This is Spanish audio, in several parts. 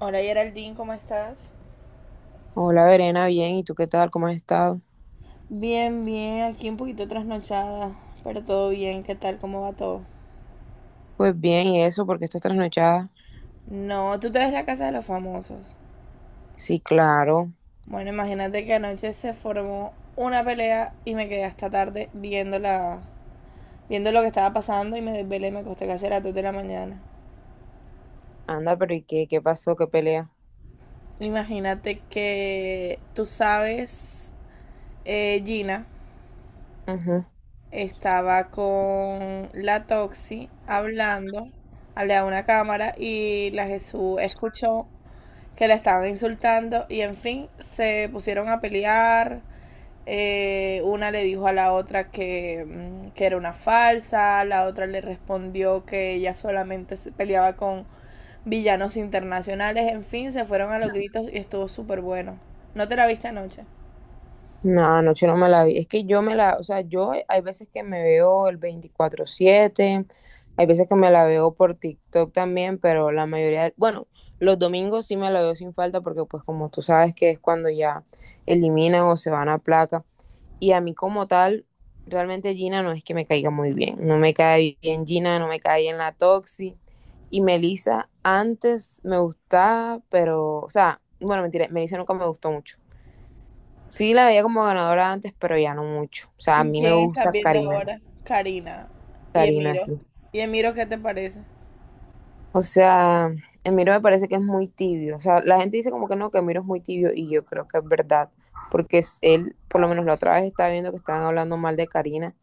Hola Geraldine, ¿cómo estás? Hola, Verena, bien. ¿Y tú qué tal? ¿Cómo has estado? Bien, bien, aquí un poquito trasnochada, pero todo bien, ¿qué tal? ¿Cómo va todo? Pues bien, ¿y eso? Porque estás trasnochada? No, tú te ves la casa de los famosos. Sí, claro. Bueno, imagínate que anoche se formó una pelea y me quedé hasta tarde viendo lo que estaba pasando y me desvelé, me acosté casi a las 2 de la mañana. Anda, pero ¿y qué? ¿Qué pasó? ¿Qué pelea? Imagínate que tú sabes, Gina, estaba con la Toxi hablando, hablé a una cámara y la Jesús escuchó que la estaban insultando y en fin, se pusieron a pelear. Una le dijo a la otra que, que era una falsa, la otra le respondió que ella solamente se peleaba con villanos internacionales, en fin, se fueron a los gritos y estuvo súper bueno. ¿No te la viste anoche? No, anoche no me la vi. Es que yo me la, o sea, yo hay veces que me veo el 24/7, hay veces que me la veo por TikTok también, pero la mayoría, bueno, los domingos sí me la veo sin falta porque pues como tú sabes que es cuando ya eliminan o se van a placa. Y a mí como tal, realmente Gina no es que me caiga muy bien. No me cae bien Gina, no me cae bien la Toxi. Y Melissa antes me gustaba, pero, o sea, bueno, mentira, Melissa nunca me gustó mucho. Sí, la veía como ganadora antes, pero ya no mucho. O sea, a ¿Y mí me quién estás gusta viendo Karina. ahora? Karina y Karina, Emiro. sí. ¿Y Emiro qué te parece? O sea, Emiro me parece que es muy tibio. O sea, la gente dice como que no, que Emiro es muy tibio y yo creo que es verdad. Porque él, por lo menos la otra vez estaba viendo que estaban hablando mal de Karina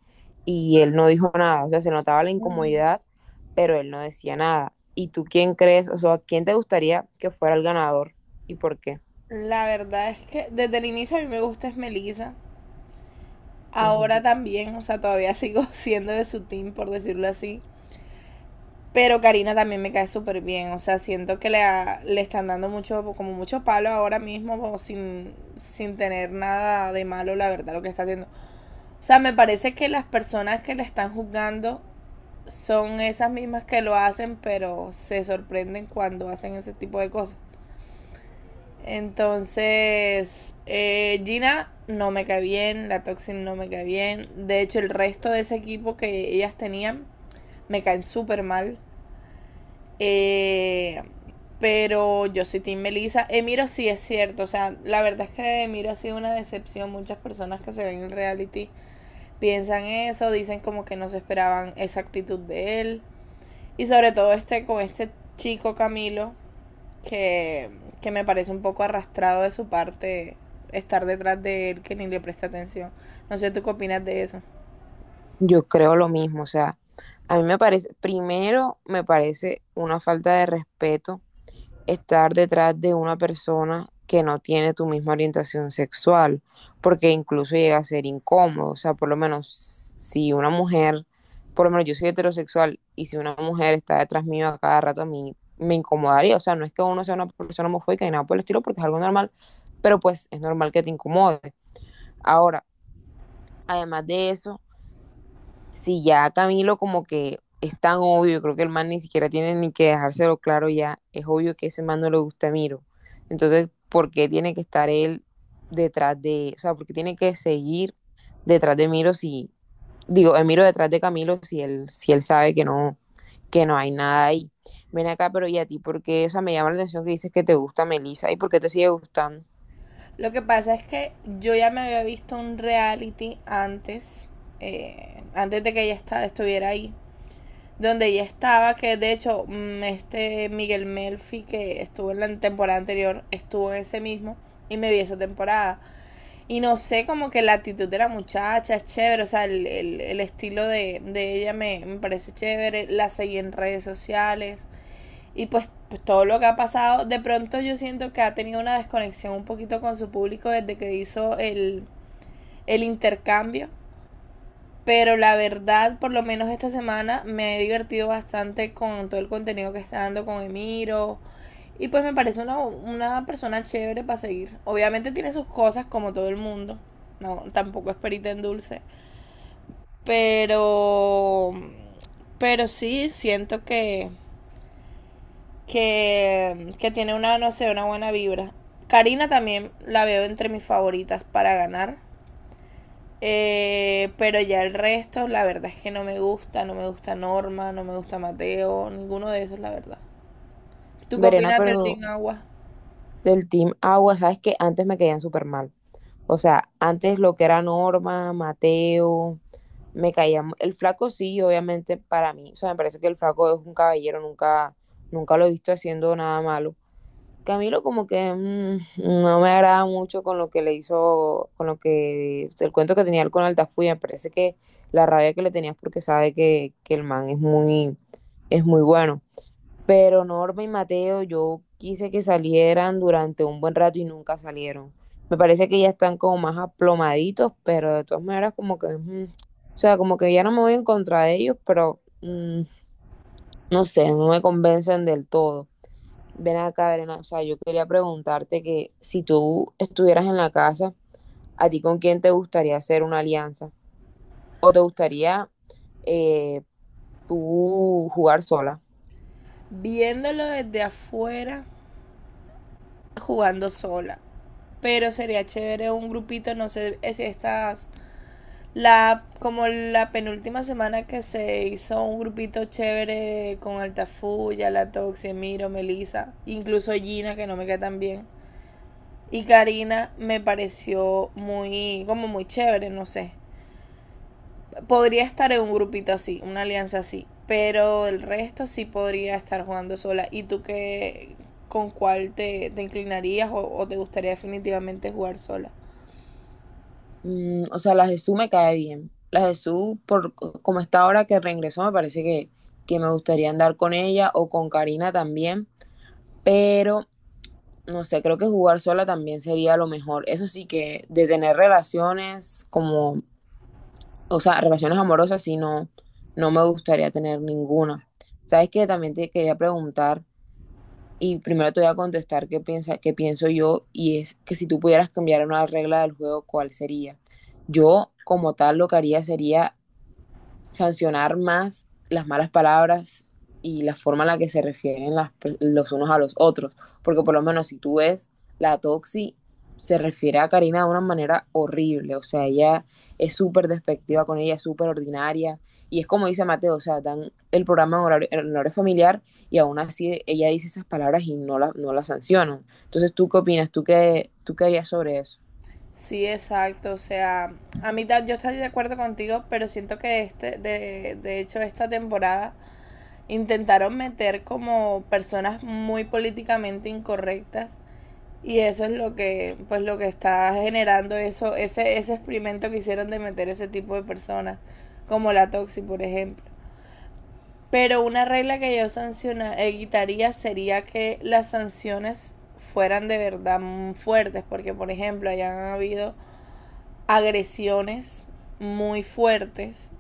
y él no dijo nada. O sea, se notaba la Ay, incomodidad, pero él no decía nada. ¿Y tú quién crees? O sea, ¿quién te gustaría que fuera el ganador y por qué? la verdad es que desde el inicio a mí me gusta es Melissa. Ujú. Ahora también, o sea, todavía sigo siendo de su team, por decirlo así. Pero Karina también me cae súper bien. O sea, siento que le están dando mucho, como mucho palo ahora mismo, como sin tener nada de malo, la verdad, lo que está haciendo. O sea, me parece que las personas que le están juzgando son esas mismas que lo hacen, pero se sorprenden cuando hacen ese tipo de cosas. Entonces, Gina no me cae bien, la Toxin no me cae bien. De hecho, el resto de ese equipo que ellas tenían me caen súper mal. Eh, pero yo soy Team Melissa. Emiro sí es cierto. O sea, la verdad es que Emiro ha sido una decepción. Muchas personas que se ven en reality piensan eso, dicen como que no se esperaban esa actitud de él. Y sobre todo este con este chico Camilo, que, que me parece un poco arrastrado de su parte estar detrás de él que ni le presta atención. No sé tú qué opinas de eso. Yo creo lo mismo, o sea, a mí me parece, primero me parece una falta de respeto estar detrás de una persona que no tiene tu misma orientación sexual, porque incluso llega a ser incómodo, o sea, por lo menos si una mujer, por lo menos yo soy heterosexual y si una mujer está detrás mío a cada rato a mí me incomodaría, o sea, no es que uno sea una persona homofóbica ni nada por el estilo, porque es algo normal, pero pues es normal que te incomode. Ahora, además de eso, si ya Camilo como que es tan obvio, creo que el man ni siquiera tiene ni que dejárselo claro ya, es obvio que ese man no le gusta a Miro. Entonces, ¿por qué tiene que estar él detrás de, o sea, por qué tiene que seguir detrás de Miro si, digo, Miro detrás de Camilo si él, si él sabe que no hay nada ahí? Ven acá, pero ¿y a ti por qué? O sea, me llama la atención que dices que te gusta Melissa y por qué te sigue gustando. Lo que pasa es que yo ya me había visto un reality antes, antes de que estuviera ahí, donde ella estaba, que de hecho este Miguel Melfi que estuvo en la temporada anterior, estuvo en ese mismo y me vi esa temporada. Y no sé, como que la actitud de la muchacha es chévere, o sea, el estilo de ella me parece chévere, la seguí en redes sociales y pues todo lo que ha pasado, de pronto yo siento que ha tenido una desconexión un poquito con su público desde que hizo el intercambio, pero la verdad, por lo menos esta semana, me he divertido bastante con todo el contenido que está dando con Emiro. Y pues me parece una persona chévere para seguir. Obviamente tiene sus cosas como todo el mundo. No, tampoco es perita en dulce. Pero... Pero sí, siento que tiene una, no sé, una buena vibra. Karina también la veo entre mis favoritas para ganar. Pero ya el resto, la verdad es que no me gusta, no me gusta Norma, no me gusta Mateo, ninguno de esos, la verdad. ¿Tú qué Verena, opinas del pero Team Agua? del Team Agua, sabes que antes me caían súper mal. O sea, antes lo que era Norma, Mateo, me caía. El flaco sí, obviamente, para mí. O sea, me parece que el flaco es un caballero, nunca lo he visto haciendo nada malo. Camilo como que no me agrada mucho con lo que le hizo, con lo que, el cuento que tenía él con Altafulla, me parece que la rabia que le tenías porque sabe que el man es muy bueno. Pero Norma y Mateo, yo quise que salieran durante un buen rato y nunca salieron. Me parece que ya están como más aplomaditos, pero de todas maneras como que, o sea, como que ya no me voy en contra de ellos, pero no sé, no me convencen del todo. Ven acá, Verena, o sea, yo quería preguntarte que si tú estuvieras en la casa, ¿a ti con quién te gustaría hacer una alianza? ¿O te gustaría eh, tú jugar sola? Viéndolo desde afuera, jugando sola. Pero sería chévere un grupito, no sé si estas, la, como la penúltima semana que se hizo un grupito chévere con Altafuya, La Toxie, Miro, Melissa, incluso Gina, que no me cae tan bien. Y Karina me pareció muy, como muy chévere, no sé. Podría estar en un grupito así, una alianza así. Pero el resto sí podría estar jugando sola. ¿Y tú qué, con te inclinarías te gustaría definitivamente jugar sola? Mm, o sea, la Jesús me cae bien. La Jesús, como está ahora que reingresó, me parece que me gustaría andar con ella o con Karina también. Pero, no sé, creo que jugar sola también sería lo mejor. Eso sí que de tener relaciones como, o sea, relaciones amorosas, sí, no, no me gustaría tener ninguna. ¿Sabes qué? También te quería preguntar y primero te voy a contestar qué piensa, qué pienso yo, y es que si tú pudieras cambiar una regla del juego, ¿cuál sería? Yo, como tal, lo que haría sería sancionar más las malas palabras y la forma en la que se refieren los unos a los otros. Porque por lo menos si tú ves la Toxi, se refiere a Karina de una manera horrible. O sea, ella es súper despectiva con ella, es súper ordinaria. Y es como dice Mateo, o sea, dan el programa en horario familiar y aún así ella dice esas palabras y no la sancionan. Entonces, ¿tú qué opinas? ¿Tú qué harías sobre eso? Sí, exacto. O sea, a mí yo estoy de acuerdo contigo, pero siento que de hecho esta temporada intentaron meter como personas muy políticamente incorrectas, y eso es lo que, pues lo que está generando eso, ese experimento que hicieron de meter ese tipo de personas, como la Toxi, por ejemplo. Pero una regla que yo quitaría sería que las sanciones fueran de verdad fuertes, porque por ejemplo hayan habido agresiones muy fuertes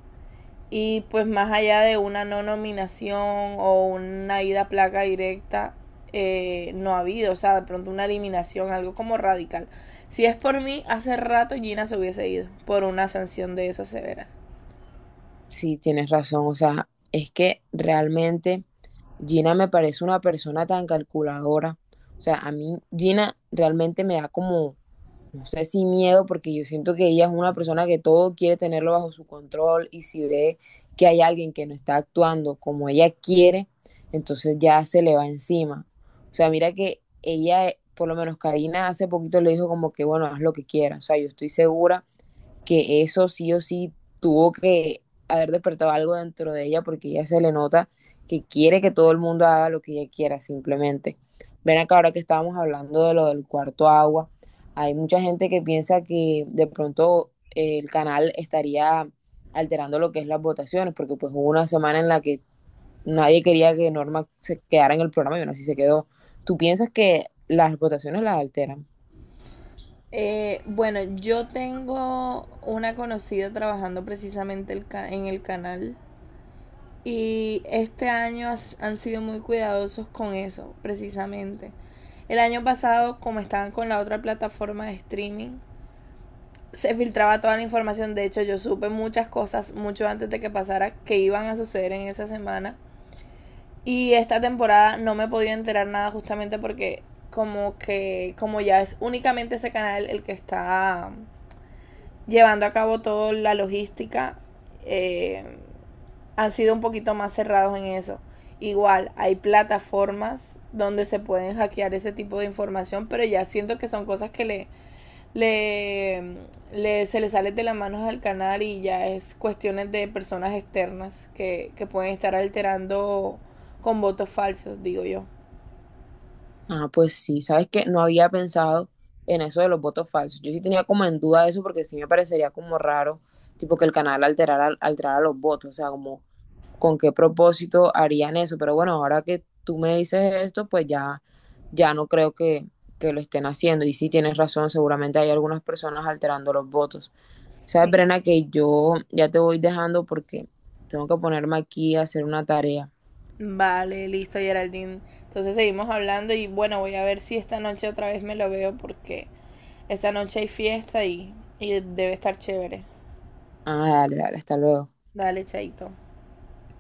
y pues más allá de una no nominación o una ida a placa directa, no ha habido, o sea, de pronto una eliminación, algo como radical. Si es por mí, hace rato Gina se hubiese ido por una sanción de esas severas. Sí, tienes razón. O sea, es que realmente Gina me parece una persona tan calculadora. O sea, a mí Gina realmente me da como, no sé si miedo, porque yo siento que ella es una persona que todo quiere tenerlo bajo su control y si ve que hay alguien que no está actuando como ella quiere, entonces ya se le va encima. O sea, mira que ella, por lo menos Karina hace poquito le dijo como que, bueno, haz lo que quieras. O sea, yo estoy segura que eso sí o sí tuvo que haber despertado algo dentro de ella porque ella se le nota que quiere que todo el mundo haga lo que ella quiera simplemente. Ven acá ahora que estábamos hablando de lo del cuarto agua, hay mucha gente que piensa que de pronto el canal estaría alterando lo que es las votaciones, porque pues hubo una semana en la que nadie quería que Norma se quedara en el programa y aún así se quedó. ¿Tú piensas que las votaciones las alteran? Bueno, yo tengo una conocida trabajando precisamente en el canal y este año han sido muy cuidadosos con eso, precisamente. El año pasado, como estaban con la otra plataforma de streaming, se filtraba toda la información. De hecho, yo supe muchas cosas mucho antes de que pasara que iban a suceder en esa semana. Y esta temporada no me he podido enterar nada justamente porque como que como ya es únicamente ese canal el que está llevando a cabo toda la logística, eh, han sido un poquito más cerrados en eso. Igual, hay plataformas donde se pueden hackear ese tipo de información, pero ya siento que son cosas que le, se le sale de las manos al canal y ya es cuestiones de personas externas que pueden estar alterando con votos falsos, digo yo. Ah, pues sí, sabes que no había pensado en eso de los votos falsos. Yo sí tenía como en duda eso porque sí me parecería como raro, tipo que el canal alterara los votos, o sea, como con qué propósito harían eso. Pero bueno, ahora que tú me dices esto, pues ya no creo que lo estén haciendo. Y sí tienes razón, seguramente hay algunas personas alterando los votos. Sabes, Sí. Brena, que yo ya te voy dejando porque tengo que ponerme aquí a hacer una tarea. Vale, listo, Geraldine. Entonces seguimos hablando y bueno, voy a ver si esta noche otra vez me lo veo porque esta noche hay fiesta y debe estar chévere. Ah, dale, dale, hasta luego. Dale, Chaito.